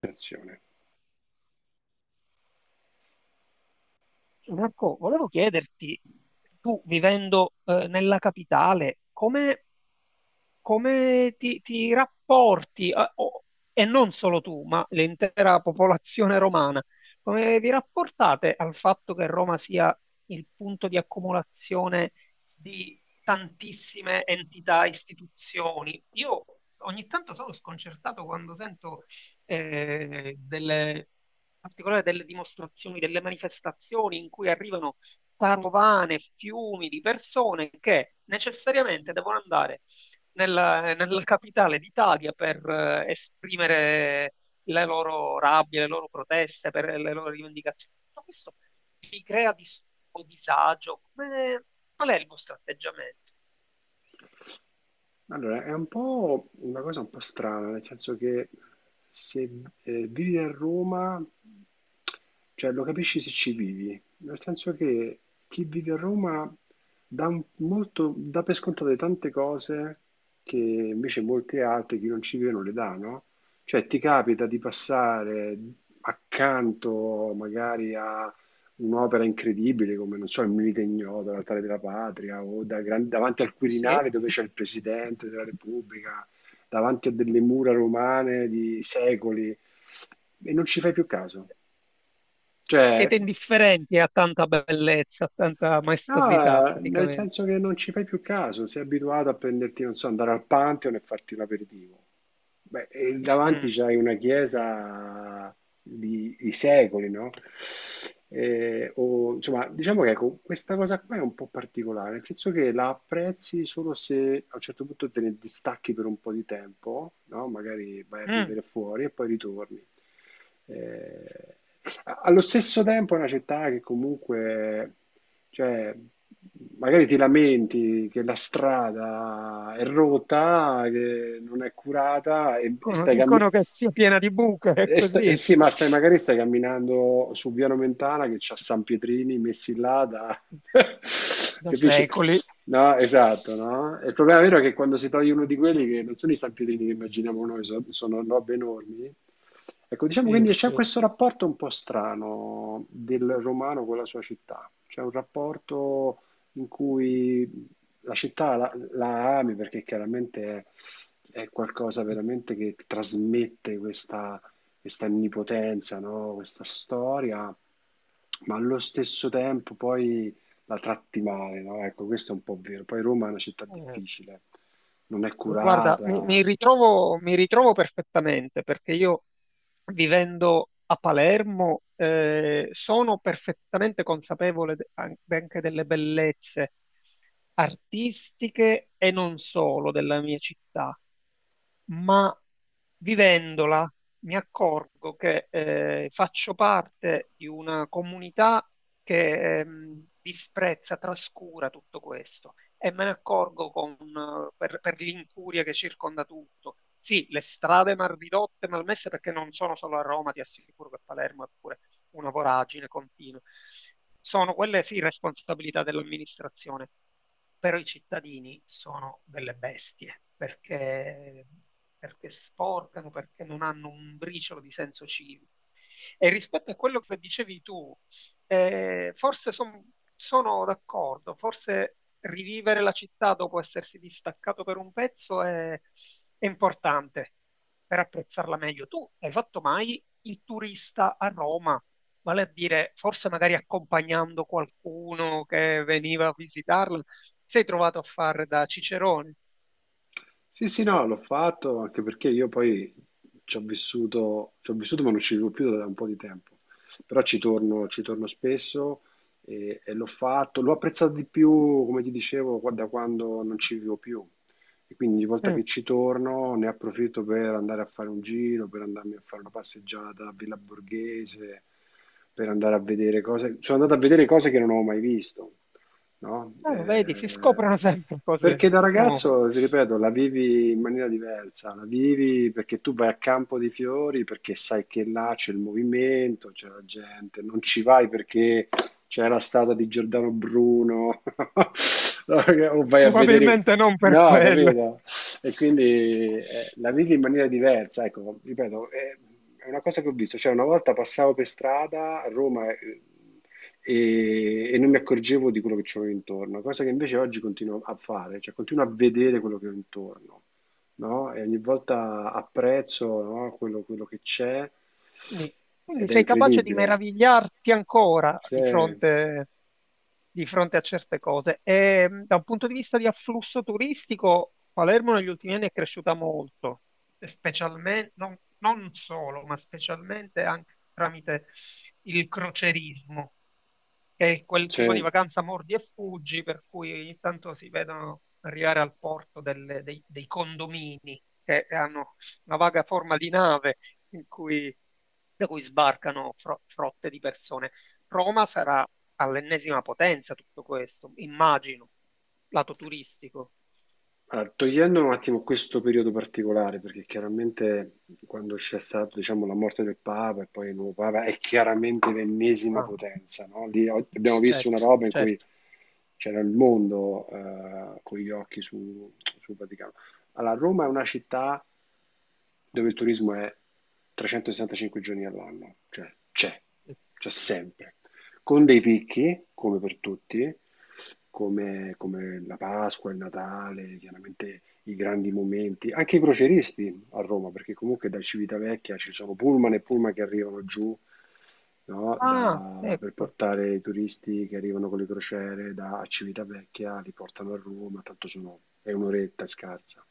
Attenzione. Marco, volevo chiederti, tu vivendo nella capitale, come ti rapporti, e non solo tu, ma l'intera popolazione romana, come vi rapportate al fatto che Roma sia il punto di accumulazione di tantissime entità, istituzioni? Io ogni tanto sono sconcertato quando sento in particolare delle dimostrazioni, delle manifestazioni in cui arrivano carovane, fiumi di persone che necessariamente devono andare nella capitale d'Italia per esprimere le loro rabbie, le loro proteste, per le loro rivendicazioni. Tutto questo vi crea disturbo, disagio. Qual è il vostro atteggiamento? Allora, è un po' una cosa un po' strana, nel senso che se vivi a Roma, cioè lo capisci se ci vivi, nel senso che chi vive a Roma dà, molto, dà per scontate tante cose che invece molte altre, chi non ci vive, non le dà, no? Cioè ti capita di passare accanto magari a un'opera incredibile come, non so, il Milite Ignoto, l'Altare della Patria, o davanti al Sì. Quirinale dove c'è il Presidente della Repubblica, davanti a delle mura romane di secoli, e non ci fai più caso. Siete Cioè. indifferenti a tanta bellezza, a tanta maestosità, Ah, nel praticamente. senso che non ci fai più caso, sei abituato a prenderti, non so, andare al Pantheon e farti l'aperitivo. Beh, e davanti Mm. c'hai una chiesa di secoli, no? O, insomma, diciamo che ecco, questa cosa qua è un po' particolare, nel senso che la apprezzi solo se a un certo punto te ne distacchi per un po' di tempo, no? Magari vai a Mm. vivere fuori e poi ritorni. Eh, allo stesso tempo è una città che comunque, cioè, magari ti lamenti che la strada è rotta, che non è curata e Dicono, stai dicono camminando. che sia piena di buche, è così, Eh sì, ma stai, magari stai camminando su Via Nomentana che c'ha San Pietrini messi là da da Capisci? secoli. No, esatto, no? E il problema vero è che quando si toglie uno di quelli che non sono i stampedini che immaginiamo noi, sono robe enormi. Ecco, diciamo quindi Sì, c'è sì. questo rapporto un po' strano del romano con la sua città. C'è un rapporto in cui la città la ami perché chiaramente è qualcosa veramente che ti trasmette questa, questa onnipotenza, no? Questa storia, ma allo stesso tempo poi la tratti male, no? Ecco, questo è un po' vero. Poi Roma è una città Eh, difficile, non è guarda, curata. Mi ritrovo perfettamente perché io vivendo a Palermo sono perfettamente consapevole anche delle bellezze artistiche e non solo della mia città, ma vivendola mi accorgo che faccio parte di una comunità che disprezza, trascura tutto questo e me ne accorgo con, per l'incuria che circonda tutto. Sì, le strade mal ridotte, malmesse, perché non sono solo a Roma, ti assicuro che Palermo è pure una voragine continua. Sono quelle sì responsabilità dell'amministrazione, però i cittadini sono delle bestie, perché, perché sporcano, perché non hanno un briciolo di senso civico. E rispetto a quello che dicevi tu, forse son- sono d'accordo, forse rivivere la città dopo essersi distaccato per un pezzo è importante per apprezzarla meglio. Tu hai fatto mai il turista a Roma? Vale a dire, forse magari accompagnando qualcuno che veniva a visitarla, sei trovato a fare da cicerone. Sì, sì, no, l'ho fatto anche perché io poi ci ho vissuto ma non ci vivo più da un po' di tempo, però ci torno spesso e l'ho fatto, l'ho apprezzato di più, come ti dicevo, da quando non ci vivo più e quindi ogni volta Mm. che ci torno ne approfitto per andare a fare un giro, per andarmi a fare una passeggiata a Villa Borghese, per andare a vedere cose, sono andato a vedere cose che non avevo mai visto, no? Ah, vedi, si scoprono sempre Perché cose da nuove. ragazzo, ti ripeto, la vivi in maniera diversa, la vivi perché tu vai a Campo dei Fiori, perché sai che là c'è il movimento, c'è la gente, non ci vai perché c'è la statua di Giordano Bruno, o vai a vedere... Probabilmente non per No, quello. capito? E quindi la vivi in maniera diversa, ecco, ripeto, è una cosa che ho visto, cioè una volta passavo per strada a Roma... e non mi accorgevo di quello che c'avevo intorno, cosa che invece oggi continuo a fare, cioè continuo a vedere quello che ho intorno, no? E ogni volta apprezzo, no, quello che c'è Quindi, quindi ed è sei capace di incredibile. meravigliarti ancora C'è, di fronte a certe cose. E da un punto di vista di afflusso turistico, Palermo negli ultimi anni è cresciuta molto, e specialmente, non, non solo, ma specialmente anche tramite il crocerismo è quel tipo di c'è. vacanza mordi e fuggi, per cui ogni tanto si vedono arrivare al porto dei condomini che hanno una vaga forma di nave in cui, da cui sbarcano frotte di persone. Roma sarà all'ennesima potenza tutto questo, immagino, lato turistico. Allora, togliendo un attimo questo periodo particolare, perché chiaramente quando c'è stata, diciamo, la morte del Papa e poi il nuovo Papa è chiaramente l'ennesima Ah, potenza, no? Lì abbiamo visto una certo, roba in cui certo. c'era il mondo con gli occhi sul Vaticano. Allora, Roma è una città dove il turismo è 365 giorni all'anno, cioè c'è sempre, con dei picchi, come per tutti, come, come la Pasqua, il Natale, chiaramente i grandi momenti, anche i croceristi a Roma, perché comunque da Civitavecchia ci sono pullman e pullman che arrivano giù, no, Ah, per ecco. portare i turisti che arrivano con le crociere da Civitavecchia, li portano a Roma, tanto sono, è un'oretta scarsa.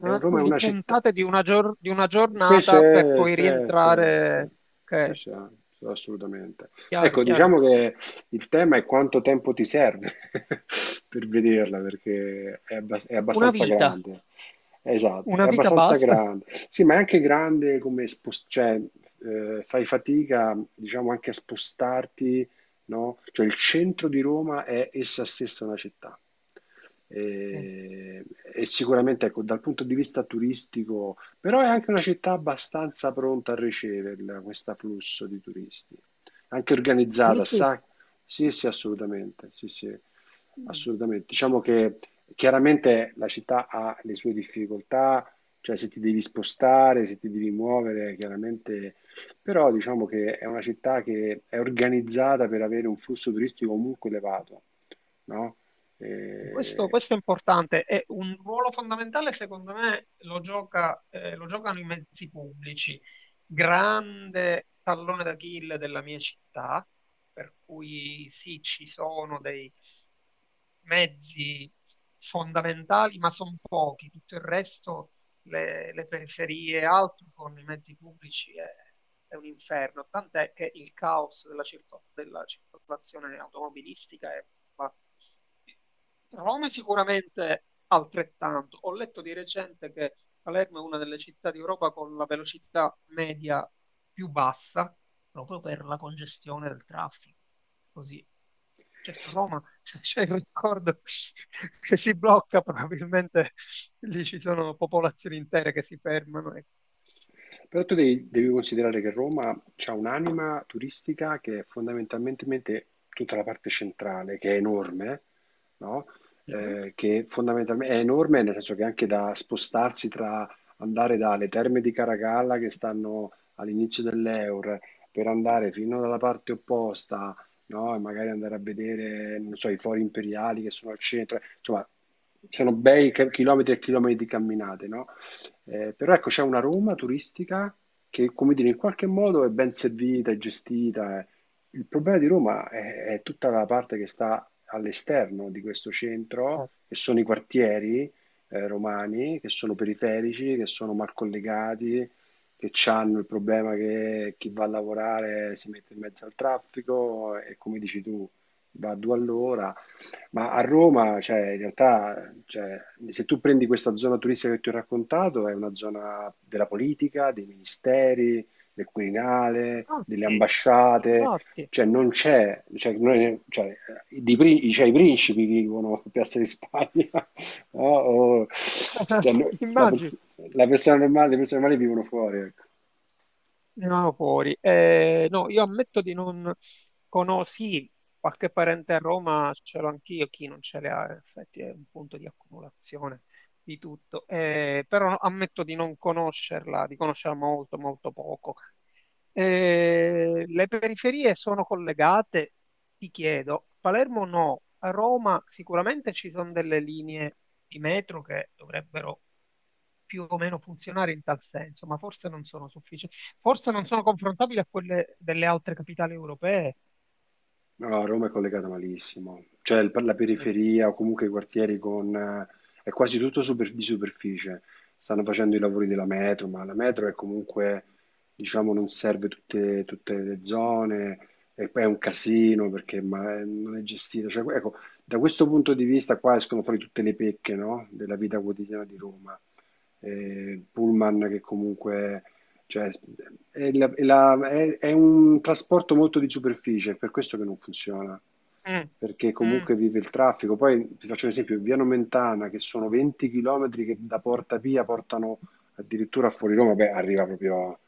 E Ah, Roma è quindi una città, puntate di una, di una sì, sì, giornata per poi sì, sì, sì, rientrare. sì, Ok, sì, assolutamente. chiaro, Ecco, chiaro. diciamo che il tema è quanto tempo ti serve per vederla, perché è, è Una abbastanza vita, grande. Esatto, è una vita abbastanza basta. grande. Sì, ma è anche grande come cioè, fai fatica, diciamo, anche a spostarti, no? Cioè il centro di Roma è essa stessa una città. Eh, E, e sicuramente, ecco, dal punto di vista turistico però è anche una città abbastanza pronta a riceverla, questo flusso di turisti. Anche organizzata, dici? sa? Sì, sì, assolutamente, sì, sì, Mm. assolutamente. Diciamo che chiaramente la città ha le sue difficoltà, cioè se ti devi spostare, se ti devi muovere, chiaramente, però diciamo che è una città che è organizzata per avere un flusso turistico comunque elevato, no? Questo, Eh, questo è importante, è un ruolo fondamentale secondo me lo lo giocano i mezzi pubblici, grande tallone d'Achille della mia città, per cui sì, ci sono dei mezzi fondamentali, ma sono pochi, tutto il resto le periferie e altro con i mezzi pubblici è un inferno, tant'è che il caos della circolazione automobilistica è... ma- Roma è sicuramente altrettanto. Ho letto di recente che Palermo è una delle città d'Europa con la velocità media più bassa, proprio per la congestione del traffico. Così. Certo, Roma c'è il record che si blocca probabilmente. Lì ci sono popolazioni intere che si fermano e... però tu devi considerare che Roma ha un'anima turistica che è fondamentalmente tutta la parte centrale, che è enorme, no? Che fondamentalmente è enorme nel senso che anche da spostarsi tra andare dalle terme di Caracalla che stanno all'inizio dell'Eur per andare fino dalla parte opposta, no? E magari andare a vedere, non so, i fori imperiali che sono al centro, insomma, sono bei chilometri e chilometri di camminate, no? Però ecco, c'è una Roma turistica che, come dire, in qualche modo è ben servita, è gestita. Il problema di Roma è tutta la parte che sta all'esterno di questo centro, che sono i quartieri romani, che sono periferici, che sono mal collegati, che hanno il problema che chi va a lavorare si mette in mezzo al traffico e come dici tu, va a due all'ora ma a Roma, cioè, in realtà, cioè, se tu prendi questa zona turistica che ti ho raccontato, è una zona della politica, dei ministeri, del Quirinale, delle Infatti, ambasciate, infatti, cioè non c'è, cioè, cioè, cioè, i principi vivono a Piazza di Spagna, no? Cioè, immagino la persona normale, le persone normali vivono fuori, ecco. venivano fuori. No, io ammetto di non conosci qualche parente a Roma, ce l'ho anch'io, chi non ce l'ha, in effetti è un punto di accumulazione di tutto. Però ammetto di non conoscerla, di conoscerla molto, molto poco. Le periferie sono collegate? Ti chiedo. A Palermo no, a Roma sicuramente ci sono delle linee di metro che dovrebbero più o meno funzionare in tal senso, ma forse non sono sufficienti, forse non sono confrontabili a quelle delle altre capitali europee. No, no, Roma è collegata malissimo, cioè per la Eh, periferia o comunque i quartieri con... è quasi tutto di superficie, stanno facendo i lavori della metro, ma la metro è comunque, diciamo, non serve tutte, le zone e poi è un casino perché ma, non è gestita. Cioè, ecco, da questo punto di vista qua escono fuori tutte le pecche, no, della vita quotidiana di Roma, eh, il pullman che comunque cioè, è un trasporto molto di superficie, è per questo che non funziona, mm, perché mm, comunque vive il traffico. Poi ti faccio un esempio, via Nomentana, che sono 20 km che da Porta Pia portano addirittura fuori Roma, beh, arriva proprio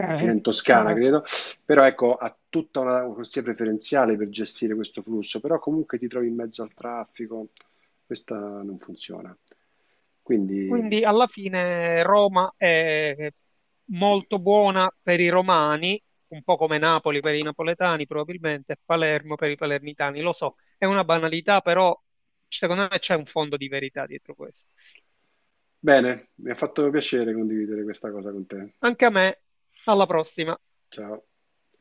fino in Toscana, chiaro. credo, però ecco, ha tutta una corsia preferenziale per gestire questo flusso, però comunque ti trovi in mezzo al traffico, questa non funziona. Quindi, Quindi alla fine Roma è molto buona per i romani, un po' come Napoli per i napoletani probabilmente, e Palermo per i palermitani. Lo so, è una banalità, però secondo me c'è un fondo di verità dietro questo. bene, mi ha fatto piacere condividere questa cosa con te. Anche a me, alla prossima. Ciao.